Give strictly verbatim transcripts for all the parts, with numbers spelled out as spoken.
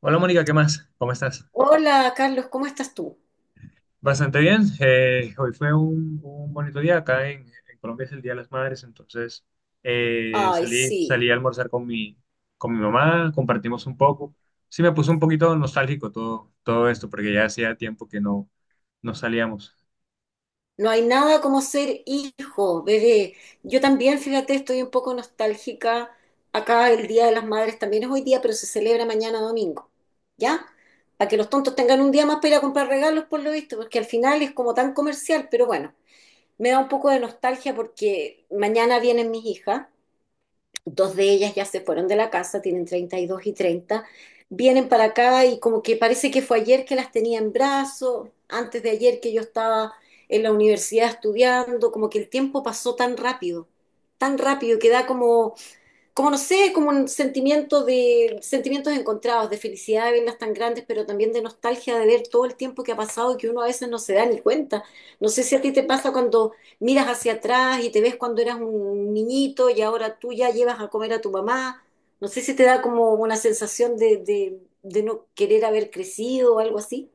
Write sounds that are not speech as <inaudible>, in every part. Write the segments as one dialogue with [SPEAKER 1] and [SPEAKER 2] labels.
[SPEAKER 1] Hola, Mónica, ¿qué más? ¿Cómo estás?
[SPEAKER 2] Hola, Carlos, ¿cómo estás tú?
[SPEAKER 1] Bastante bien. Eh, hoy fue un, un bonito día. Acá en, en Colombia es el Día de las Madres, entonces eh,
[SPEAKER 2] Ay,
[SPEAKER 1] salí,
[SPEAKER 2] sí,
[SPEAKER 1] salí a almorzar con mi, con mi mamá, compartimos un poco. Sí, me puso un poquito nostálgico todo, todo esto, porque ya hacía tiempo que no, no salíamos.
[SPEAKER 2] no hay nada como ser hijo, bebé. Yo también, fíjate, estoy un poco nostálgica. Acá el Día de las Madres también es hoy día, pero se celebra mañana domingo, ¿ya? Para que los tontos tengan un día más para ir a comprar regalos, por lo visto, porque al final es como tan comercial, pero bueno, me da un poco de nostalgia porque mañana vienen mis hijas. Dos de ellas ya se fueron de la casa, tienen treinta y dos y treinta. Vienen para acá y como que parece que fue ayer que las tenía en brazos, antes de ayer que yo estaba en la universidad estudiando, como que el tiempo pasó tan rápido, tan rápido que da como, como no sé, como un sentimiento de, sentimientos encontrados, de felicidad de verlas tan grandes, pero también de nostalgia de ver todo el tiempo que ha pasado y que uno a veces no se da ni cuenta. No sé si a ti te pasa cuando miras hacia atrás y te ves cuando eras un niñito y ahora tú ya llevas a comer a tu mamá. No sé si te da como una sensación de, de, de no querer haber crecido o algo así.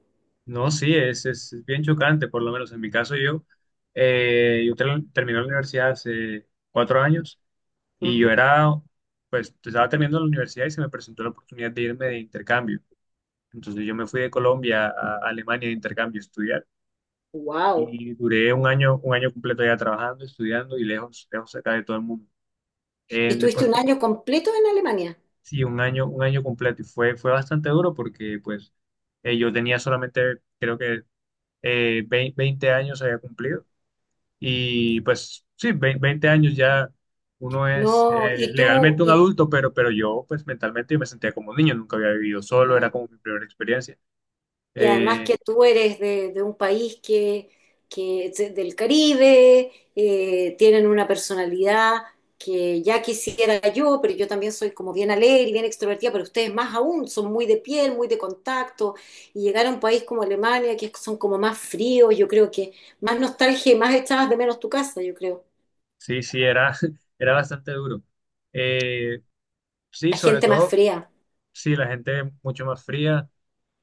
[SPEAKER 1] No, sí, es, es, es bien chocante, por lo menos en mi caso. Yo. eh, yo ter- terminé la universidad hace cuatro años y yo era, pues estaba terminando la universidad y se me presentó la oportunidad de irme de intercambio. Entonces yo me fui de Colombia a a Alemania de intercambio a estudiar
[SPEAKER 2] Wow.
[SPEAKER 1] y duré un año, un año completo ya trabajando, estudiando y lejos, lejos acá de todo el mundo.
[SPEAKER 2] ¿Y
[SPEAKER 1] Eh,
[SPEAKER 2] estuviste
[SPEAKER 1] después,
[SPEAKER 2] un año completo en Alemania?
[SPEAKER 1] sí, un año, un año completo y fue, fue bastante duro porque pues eh, yo tenía solamente, creo que, eh, vein- veinte años había cumplido. Y pues sí, vein- veinte años ya uno es
[SPEAKER 2] No,
[SPEAKER 1] eh,
[SPEAKER 2] y tú,
[SPEAKER 1] legalmente un
[SPEAKER 2] y
[SPEAKER 1] adulto, pero pero yo pues mentalmente yo me sentía como un niño, nunca había vivido solo, era
[SPEAKER 2] claro.
[SPEAKER 1] como mi primera experiencia.
[SPEAKER 2] Y además
[SPEAKER 1] Eh,
[SPEAKER 2] que tú eres de, de un país que, que es del Caribe, eh, tienen una personalidad que ya quisiera yo, pero yo también soy como bien alegre, y bien extrovertida, pero ustedes más aún, son muy de piel, muy de contacto, y llegar a un país como Alemania, que son como más fríos, yo creo que más nostalgia y más echabas de menos tu casa, yo creo.
[SPEAKER 1] Sí, sí, era, <laughs> era bastante duro. Eh, sí,
[SPEAKER 2] La
[SPEAKER 1] sobre
[SPEAKER 2] gente más
[SPEAKER 1] todo,
[SPEAKER 2] fría,
[SPEAKER 1] sí, la gente mucho más fría.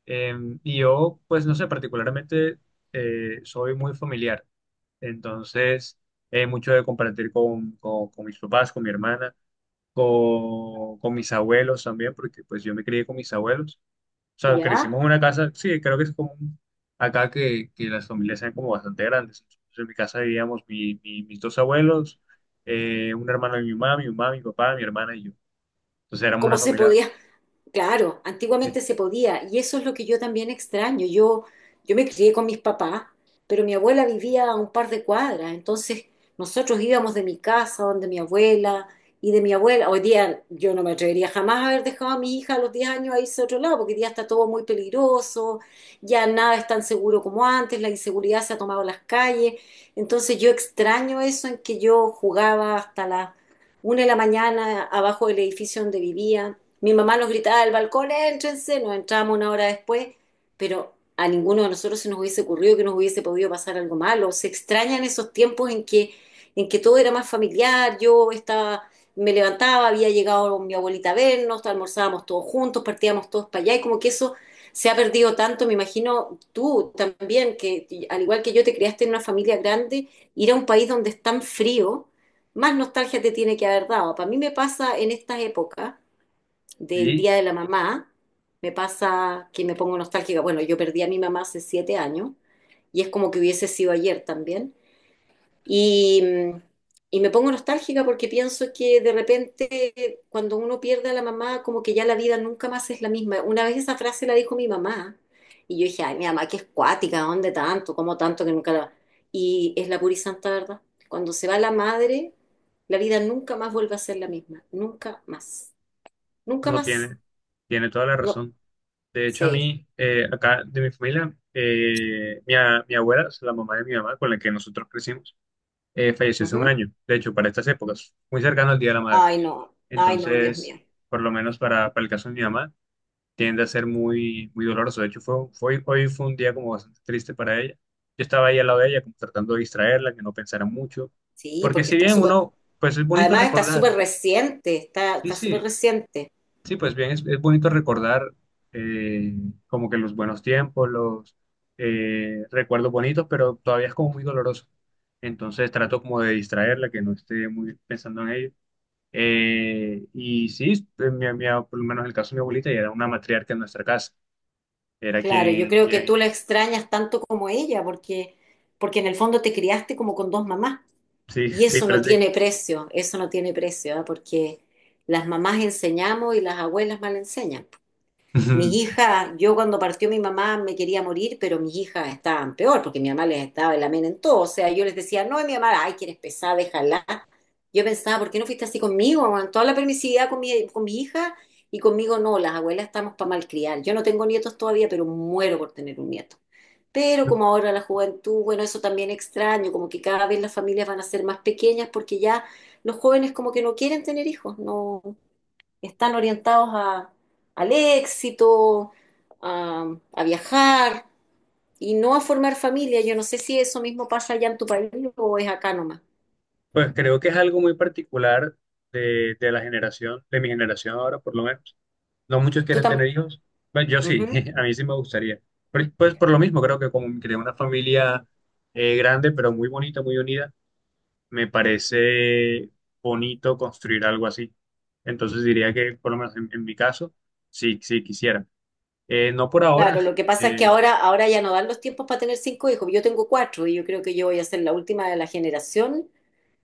[SPEAKER 1] eh, y yo, pues no sé, particularmente, eh, soy muy familiar. Entonces, eh, mucho de compartir con, con, con mis papás, con mi hermana, con, con mis abuelos también, porque pues yo me crié con mis abuelos. O sea, crecimos
[SPEAKER 2] ¿ya?
[SPEAKER 1] en una casa. Sí, creo que es común acá que, que las familias sean como bastante grandes. Entonces, en mi casa vivíamos mi- mi- mis dos abuelos, eh, un hermano de mi mamá, mi mamá, mi papá, mi hermana y yo. Entonces éramos una
[SPEAKER 2] ¿Cómo se
[SPEAKER 1] familia.
[SPEAKER 2] podía? Claro,
[SPEAKER 1] Sí,
[SPEAKER 2] antiguamente se podía y eso es lo que yo también extraño. Yo, yo me crié con mis papás, pero mi abuela vivía a un par de cuadras, entonces nosotros íbamos de mi casa, donde mi abuela y de mi abuela. Hoy día yo no me atrevería jamás a haber dejado a mi hija a los diez años a irse a otro lado, porque hoy día está todo muy peligroso, ya nada es tan seguro como antes, la inseguridad se ha tomado las calles. Entonces yo extraño eso en que yo jugaba hasta las una de la mañana abajo del edificio donde vivía. Mi mamá nos gritaba del balcón, éntrense, nos entrábamos una hora después, pero a ninguno de nosotros se nos hubiese ocurrido que nos hubiese podido pasar algo malo. Se extrañan esos tiempos en que, en que todo era más familiar, yo estaba, me levantaba, había llegado mi abuelita a vernos, almorzábamos todos juntos, partíamos todos para allá, y como que eso se ha perdido tanto, me imagino tú también, que al igual que yo te creaste en una familia grande, ir a un país donde es tan frío, más nostalgia te tiene que haber dado. Para mí me pasa en estas épocas del
[SPEAKER 1] sí,
[SPEAKER 2] Día de la Mamá, me pasa que me pongo nostálgica. Bueno, yo perdí a mi mamá hace siete años y es como que hubiese sido ayer también. Y, mm, y me pongo nostálgica porque pienso que de repente cuando uno pierde a la mamá, como que ya la vida nunca más es la misma. Una vez esa frase la dijo mi mamá y yo dije, ay, mi mamá, que es cuática, ¿dónde tanto? ¿Cómo tanto que nunca la... Y es la pura y santa verdad. Cuando se va la madre, la vida nunca más vuelve a ser la misma. Nunca más. Nunca
[SPEAKER 1] no
[SPEAKER 2] más.
[SPEAKER 1] tiene, tiene toda la
[SPEAKER 2] No,
[SPEAKER 1] razón. De hecho, a
[SPEAKER 2] sí.
[SPEAKER 1] mí, eh, acá de mi familia, eh, mi, a- mi abuela, o sea, la mamá de mi mamá, con la que nosotros crecimos, eh, falleció hace un
[SPEAKER 2] Ujú.
[SPEAKER 1] año. De hecho, para estas épocas, muy cercano al Día de la Madre.
[SPEAKER 2] Ay, no, ay, no, Dios mío.
[SPEAKER 1] Entonces, por lo menos para, para el caso de mi mamá, tiende a ser muy, muy doloroso. De hecho, fue, fue- hoy fue un día como bastante triste para ella. Yo estaba ahí al lado de ella, como tratando de distraerla, que no pensara mucho.
[SPEAKER 2] Sí,
[SPEAKER 1] Porque
[SPEAKER 2] porque
[SPEAKER 1] si
[SPEAKER 2] está
[SPEAKER 1] bien,
[SPEAKER 2] súper,
[SPEAKER 1] uno, pues es bonito
[SPEAKER 2] además está súper
[SPEAKER 1] recordar,
[SPEAKER 2] reciente, está,
[SPEAKER 1] sí,
[SPEAKER 2] está súper
[SPEAKER 1] sí,
[SPEAKER 2] reciente.
[SPEAKER 1] sí, pues bien, es, es bonito recordar, eh, como que los buenos tiempos, los, eh, recuerdos bonitos, pero todavía es como muy doloroso. Entonces trato como de distraerla, que no esté muy pensando en ello. Eh, y sí, eh, mi, mi- por lo menos en el caso de mi abuelita, ella era una matriarca en nuestra casa. Era
[SPEAKER 2] Claro, yo
[SPEAKER 1] quien,
[SPEAKER 2] creo que tú
[SPEAKER 1] quien,
[SPEAKER 2] la extrañas tanto como ella, porque, porque en el fondo te criaste como con dos mamás.
[SPEAKER 1] Sí,
[SPEAKER 2] Y
[SPEAKER 1] sí,
[SPEAKER 2] eso no
[SPEAKER 1] prácticamente.
[SPEAKER 2] tiene precio, eso no tiene precio, ¿ah? Porque las mamás enseñamos y las abuelas mal enseñan. Mis
[SPEAKER 1] <laughs>
[SPEAKER 2] hijas, yo cuando partió mi mamá me quería morir, pero mis hijas estaban peor, porque mi mamá les estaba en la mena en todo. O sea, yo les decía, no, y mi mamá, ay, quieres pesar, déjala. Yo pensaba, ¿por qué no fuiste así conmigo? Con toda la permisividad con mi, con mi hija, y conmigo no, las abuelas estamos para malcriar. Yo no tengo nietos todavía, pero muero por tener un nieto. Pero como ahora la juventud, bueno, eso también extraño, como que cada vez las familias van a ser más pequeñas porque ya los jóvenes como que no quieren tener hijos, no, están orientados a, al éxito, a, a viajar, y no a formar familia. Yo no sé si eso mismo pasa allá en tu país o es acá nomás.
[SPEAKER 1] Pues creo que es algo muy particular de, de la generación, de mi generación ahora, por lo menos. No muchos
[SPEAKER 2] Tú
[SPEAKER 1] quieren
[SPEAKER 2] tam-
[SPEAKER 1] tener hijos. Bueno, yo sí,
[SPEAKER 2] Ujú.
[SPEAKER 1] <laughs> a mí sí me gustaría. pero Pues por lo mismo, creo que como creé una familia, eh, grande, pero muy bonita, muy unida, me parece bonito construir algo así. Entonces diría que, por lo menos en, en mi caso, sí, sí quisiera. Eh, no por ahora.
[SPEAKER 2] Claro, lo que pasa es que
[SPEAKER 1] Eh,
[SPEAKER 2] ahora, ahora ya no dan los tiempos para tener cinco hijos. Yo tengo cuatro y yo creo que yo voy a ser la última de la generación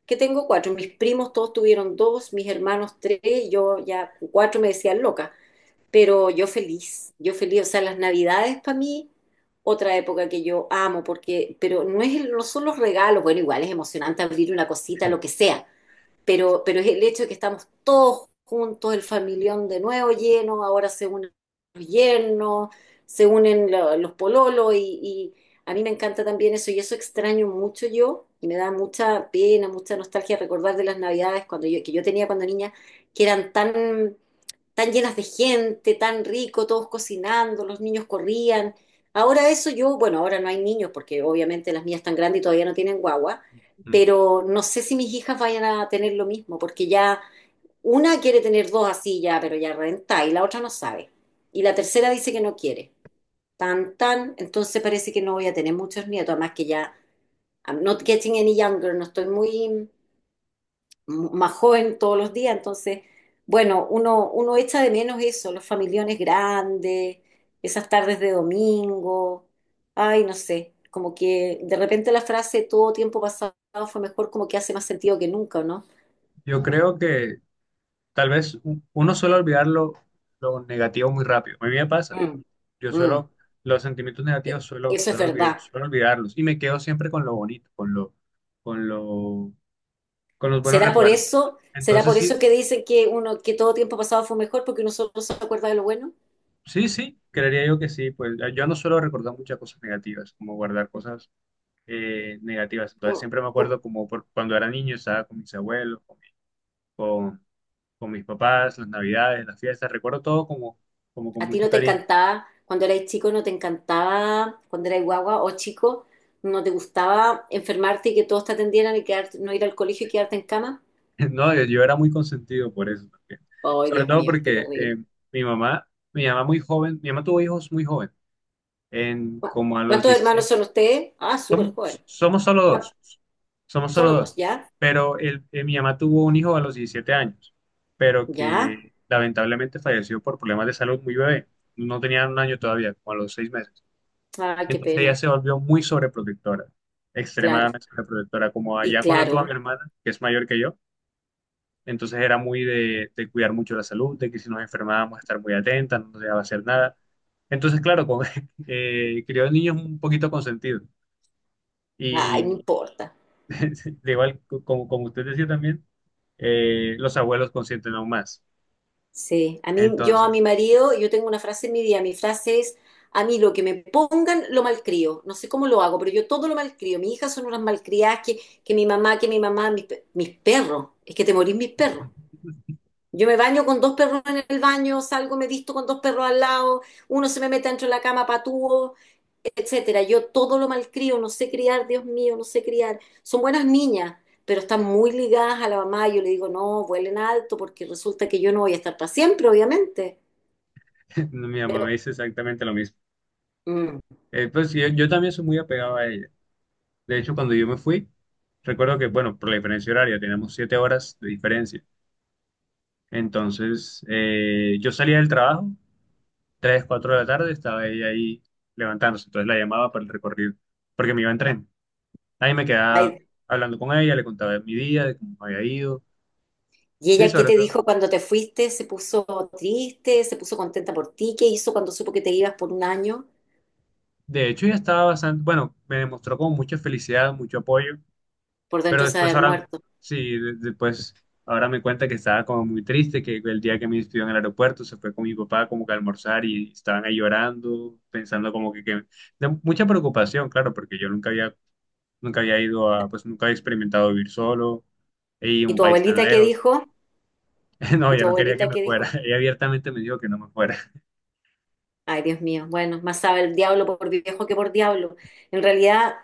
[SPEAKER 2] que tengo cuatro. Mis primos todos tuvieron dos, mis hermanos tres, yo ya con cuatro me decían loca. Pero yo feliz, yo feliz. O sea, las Navidades para mí, otra época que yo amo, porque, pero no es, el- no son los regalos, bueno, igual es emocionante abrir una cosita, lo que sea, pero, pero es el hecho de que estamos todos juntos, el familión de nuevo lleno, ahora se unen los yernos, se unen lo- los pololos y, y a mí me encanta también eso y eso extraño mucho yo y me da mucha pena, mucha nostalgia recordar de las Navidades cuando yo, que yo tenía cuando niña, que eran tan tan llenas de gente, tan rico, todos cocinando, los niños corrían. Ahora eso yo, bueno, ahora no hay niños porque obviamente las mías están grandes y todavía no tienen guagua, pero no sé si mis hijas vayan a tener lo mismo, porque ya una quiere tener dos así ya, pero ya renta, y la otra no sabe. Y la tercera dice que no quiere. Tan, tan, entonces parece que no voy a tener muchos nietos, además que ya, I'm not getting any younger, no estoy muy m- más joven todos los días, entonces, bueno, uno, uno echa de menos eso, los familiones grandes, esas tardes de domingo, ay, no sé, como que de repente la frase todo tiempo pasado fue mejor, como que hace más sentido que nunca, ¿no?
[SPEAKER 1] yo creo que Tal vez u- uno suele olvidar lo, lo negativo muy rápido. A mí me pasa.
[SPEAKER 2] Mm.
[SPEAKER 1] Yo
[SPEAKER 2] Mm,
[SPEAKER 1] suelo, los sentimientos
[SPEAKER 2] e-
[SPEAKER 1] negativos suelo,
[SPEAKER 2] eso es
[SPEAKER 1] suelo, olvi-
[SPEAKER 2] verdad.
[SPEAKER 1] suelo olvidarlos y me quedo siempre con lo bonito, con lo, con lo, con los buenos
[SPEAKER 2] ¿Será por
[SPEAKER 1] recuerdos.
[SPEAKER 2] eso? ¿Será
[SPEAKER 1] Entonces
[SPEAKER 2] por eso
[SPEAKER 1] sí,
[SPEAKER 2] que dicen que uno que todo tiempo pasado fue mejor porque uno solo se acuerda de lo bueno?
[SPEAKER 1] sí, sí, creería yo que sí. Pues yo no suelo recordar muchas cosas negativas, como guardar cosas, eh, negativas. Entonces
[SPEAKER 2] Como,
[SPEAKER 1] siempre me acuerdo
[SPEAKER 2] como-
[SPEAKER 1] como por- cuando era niño, estaba con mis abuelos, con, mi- con con mis papás, las navidades, las fiestas. Recuerdo todo como como con
[SPEAKER 2] ¿A ti
[SPEAKER 1] mucho
[SPEAKER 2] no te
[SPEAKER 1] cariño.
[SPEAKER 2] encantaba, cuando erais chico, no te encantaba, cuando erais guagua o chico, no te gustaba enfermarte y que todos te atendieran y quedarte- no ir al colegio y quedarte en cama?
[SPEAKER 1] <laughs> No, yo, yo era muy consentido por eso también.
[SPEAKER 2] Ay,
[SPEAKER 1] Sobre
[SPEAKER 2] Dios
[SPEAKER 1] todo
[SPEAKER 2] mío, qué
[SPEAKER 1] porque eh,
[SPEAKER 2] terrible.
[SPEAKER 1] mi mamá, mi mamá muy joven, mi mamá tuvo hijos muy joven, en,
[SPEAKER 2] ¿Cu-
[SPEAKER 1] como a los
[SPEAKER 2] ¿Cuántos hermanos
[SPEAKER 1] diecisiete.
[SPEAKER 2] son ustedes? Ah, súper
[SPEAKER 1] Somos,
[SPEAKER 2] joven.
[SPEAKER 1] Somos solo
[SPEAKER 2] ¿Cuán-
[SPEAKER 1] dos, somos solo
[SPEAKER 2] Solo dos,
[SPEAKER 1] dos.
[SPEAKER 2] ¿ya?
[SPEAKER 1] Pero el, eh, mi mamá tuvo un hijo a los diecisiete años, pero
[SPEAKER 2] ¿Ya?
[SPEAKER 1] que lamentablemente falleció por problemas de salud muy bebé. No tenía un año todavía, como a los seis meses.
[SPEAKER 2] Ah, qué
[SPEAKER 1] Entonces ella
[SPEAKER 2] pena.
[SPEAKER 1] se volvió muy sobreprotectora,
[SPEAKER 2] Claro.
[SPEAKER 1] extremadamente sobreprotectora. Como
[SPEAKER 2] Y
[SPEAKER 1] allá cuando tuvo a
[SPEAKER 2] claro.
[SPEAKER 1] mi hermana, que es mayor que yo, entonces era muy de, de cuidar mucho la salud, de que si nos enfermábamos estar muy atentas, no nos dejaba hacer nada. Entonces, claro, con, <laughs> eh, crió niños un poquito consentidos.
[SPEAKER 2] Ay, no
[SPEAKER 1] Y
[SPEAKER 2] importa.
[SPEAKER 1] <laughs> de igual, co- como, como usted decía también, eh, los abuelos consienten aún más.
[SPEAKER 2] Sí, a mí, yo a
[SPEAKER 1] Entonces,
[SPEAKER 2] mi marido, yo tengo una frase en mi día, mi frase es, a mí lo que me pongan lo malcrio, no sé cómo lo hago, pero yo todo lo malcrio, mis hijas son unas malcriadas que, que mi mamá, que mi mamá, mis, pe- mis perros, es que te morís mis perros, yo me baño con dos perros en el baño, salgo, me visto con dos perros al lado, uno se me mete dentro de la cama patúo, etcétera. Yo todo lo malcrio, no sé criar, Dios mío, no sé criar. Son buenas niñas, pero están muy ligadas a la mamá. Yo le digo, no, vuelen alto, porque resulta que yo no voy a estar para siempre, obviamente.
[SPEAKER 1] <laughs> mi mamá
[SPEAKER 2] Pero,
[SPEAKER 1] me dice exactamente lo mismo.
[SPEAKER 2] mm,
[SPEAKER 1] Eh, pues yo, yo también soy muy apegado a ella. De hecho, cuando yo me fui, recuerdo que, bueno, por la diferencia horaria, teníamos siete horas de diferencia. Entonces, eh, yo salía del trabajo, tres cuatro de la tarde, estaba ella ahí levantándose, entonces la llamaba para el recorrido, porque me iba en tren. Ahí me quedaba
[SPEAKER 2] ay,
[SPEAKER 1] hablando con ella, le contaba de mi día, de cómo me había ido.
[SPEAKER 2] ¿y
[SPEAKER 1] Sí,
[SPEAKER 2] ella qué
[SPEAKER 1] sobre
[SPEAKER 2] te
[SPEAKER 1] todo.
[SPEAKER 2] dijo cuando te fuiste? ¿Se puso triste? ¿Se puso contenta por ti? ¿Qué hizo cuando supo que te ibas por un año?
[SPEAKER 1] De hecho, ella estaba bastante, bueno, me demostró como mucha felicidad, mucho apoyo,
[SPEAKER 2] Por
[SPEAKER 1] pero
[SPEAKER 2] dentro se va a
[SPEAKER 1] después,
[SPEAKER 2] haber
[SPEAKER 1] ahora,
[SPEAKER 2] muerto.
[SPEAKER 1] sí, de- después, ahora me cuenta que estaba como muy triste, que el día que me despidió en el aeropuerto se fue con mi papá como que a almorzar y estaban ahí llorando, pensando como que, que de mucha preocupación, claro, porque yo nunca había nunca había ido a, pues nunca había experimentado vivir solo y
[SPEAKER 2] ¿Y
[SPEAKER 1] un
[SPEAKER 2] tu
[SPEAKER 1] país tan
[SPEAKER 2] abuelita qué
[SPEAKER 1] lejos.
[SPEAKER 2] dijo?
[SPEAKER 1] <laughs> No,
[SPEAKER 2] ¿Y
[SPEAKER 1] yo
[SPEAKER 2] tu
[SPEAKER 1] no quería que
[SPEAKER 2] abuelita
[SPEAKER 1] me
[SPEAKER 2] qué
[SPEAKER 1] fuera.
[SPEAKER 2] dijo?
[SPEAKER 1] <laughs> Ella abiertamente me dijo que no me fuera. <laughs>
[SPEAKER 2] Ay, Dios mío, bueno, más sabe el diablo por viejo que por diablo. En realidad,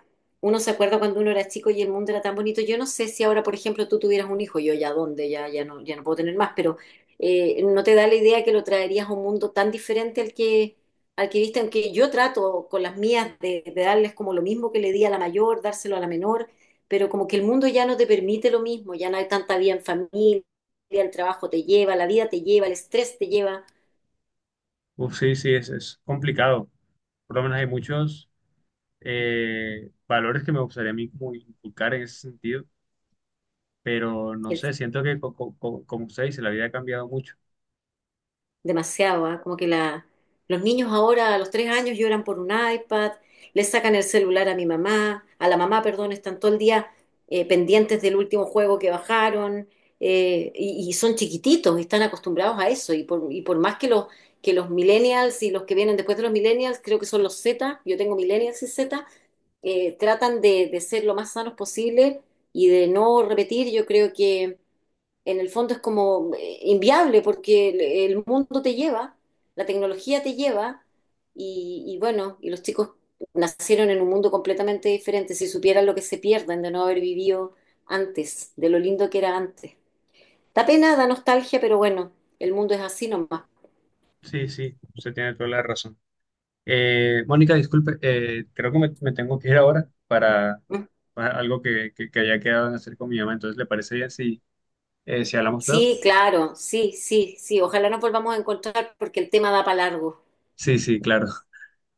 [SPEAKER 2] uno se acuerda cuando uno era chico y el mundo era tan bonito. Yo no sé si ahora, por ejemplo, tú tuvieras un hijo, yo ya dónde, ya, ya no, ya no puedo tener más, pero eh, ¿no te da la idea que lo traerías a un mundo tan diferente al que, al que viste? Aunque yo trato con las mías de, de darles como lo mismo que le di a la mayor, dárselo a la menor, pero como que el mundo ya no te permite lo mismo, ya no hay tanta vida en familia, el trabajo te lleva, la vida te lleva, el estrés te lleva.
[SPEAKER 1] Uf, sí, sí, es, es complicado. Por lo menos hay muchos, eh, valores que me gustaría a mí como inculcar en ese sentido, pero no sé, siento que, co- co- co- como usted dice, la vida ha cambiado mucho.
[SPEAKER 2] Demasiado, ¿ah? Como que la, los niños ahora a los tres años lloran por un iPad, le sacan el celular a mi mamá, a la mamá, perdón, están todo el día eh, pendientes del último juego que bajaron, eh, y, y son chiquititos, están acostumbrados a eso, y por, y por más que los, que los millennials y los que vienen después de los millennials, creo que son los Z, yo tengo millennials y Z, eh, tratan de, de ser lo más sanos posible y de no repetir, yo creo que en el fondo es como eh, inviable porque el, el mundo te lleva, la tecnología te lleva y, y bueno, y los chicos nacieron en un mundo completamente diferente, si supieran lo que se pierden de no haber vivido antes, de lo lindo que era antes. Da pena, da nostalgia, pero bueno, el mundo es así nomás.
[SPEAKER 1] Sí, sí, usted tiene toda la razón. Eh, Mónica, disculpe, eh, creo que me, me tengo que ir ahora para,
[SPEAKER 2] ¿Mm?
[SPEAKER 1] para algo que que, que haya quedado en hacer con mi mamá, entonces ¿le parece bien si... Eh, si hablamos luego?
[SPEAKER 2] Sí, claro, sí, sí, sí, ojalá nos volvamos a encontrar porque el tema da para largo.
[SPEAKER 1] Sí, sí, claro.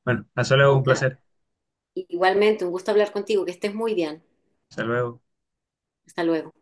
[SPEAKER 1] Bueno, hasta luego, un
[SPEAKER 2] Ok,
[SPEAKER 1] placer.
[SPEAKER 2] igualmente, un gusto hablar contigo, que estés muy bien.
[SPEAKER 1] Hasta luego.
[SPEAKER 2] Hasta luego.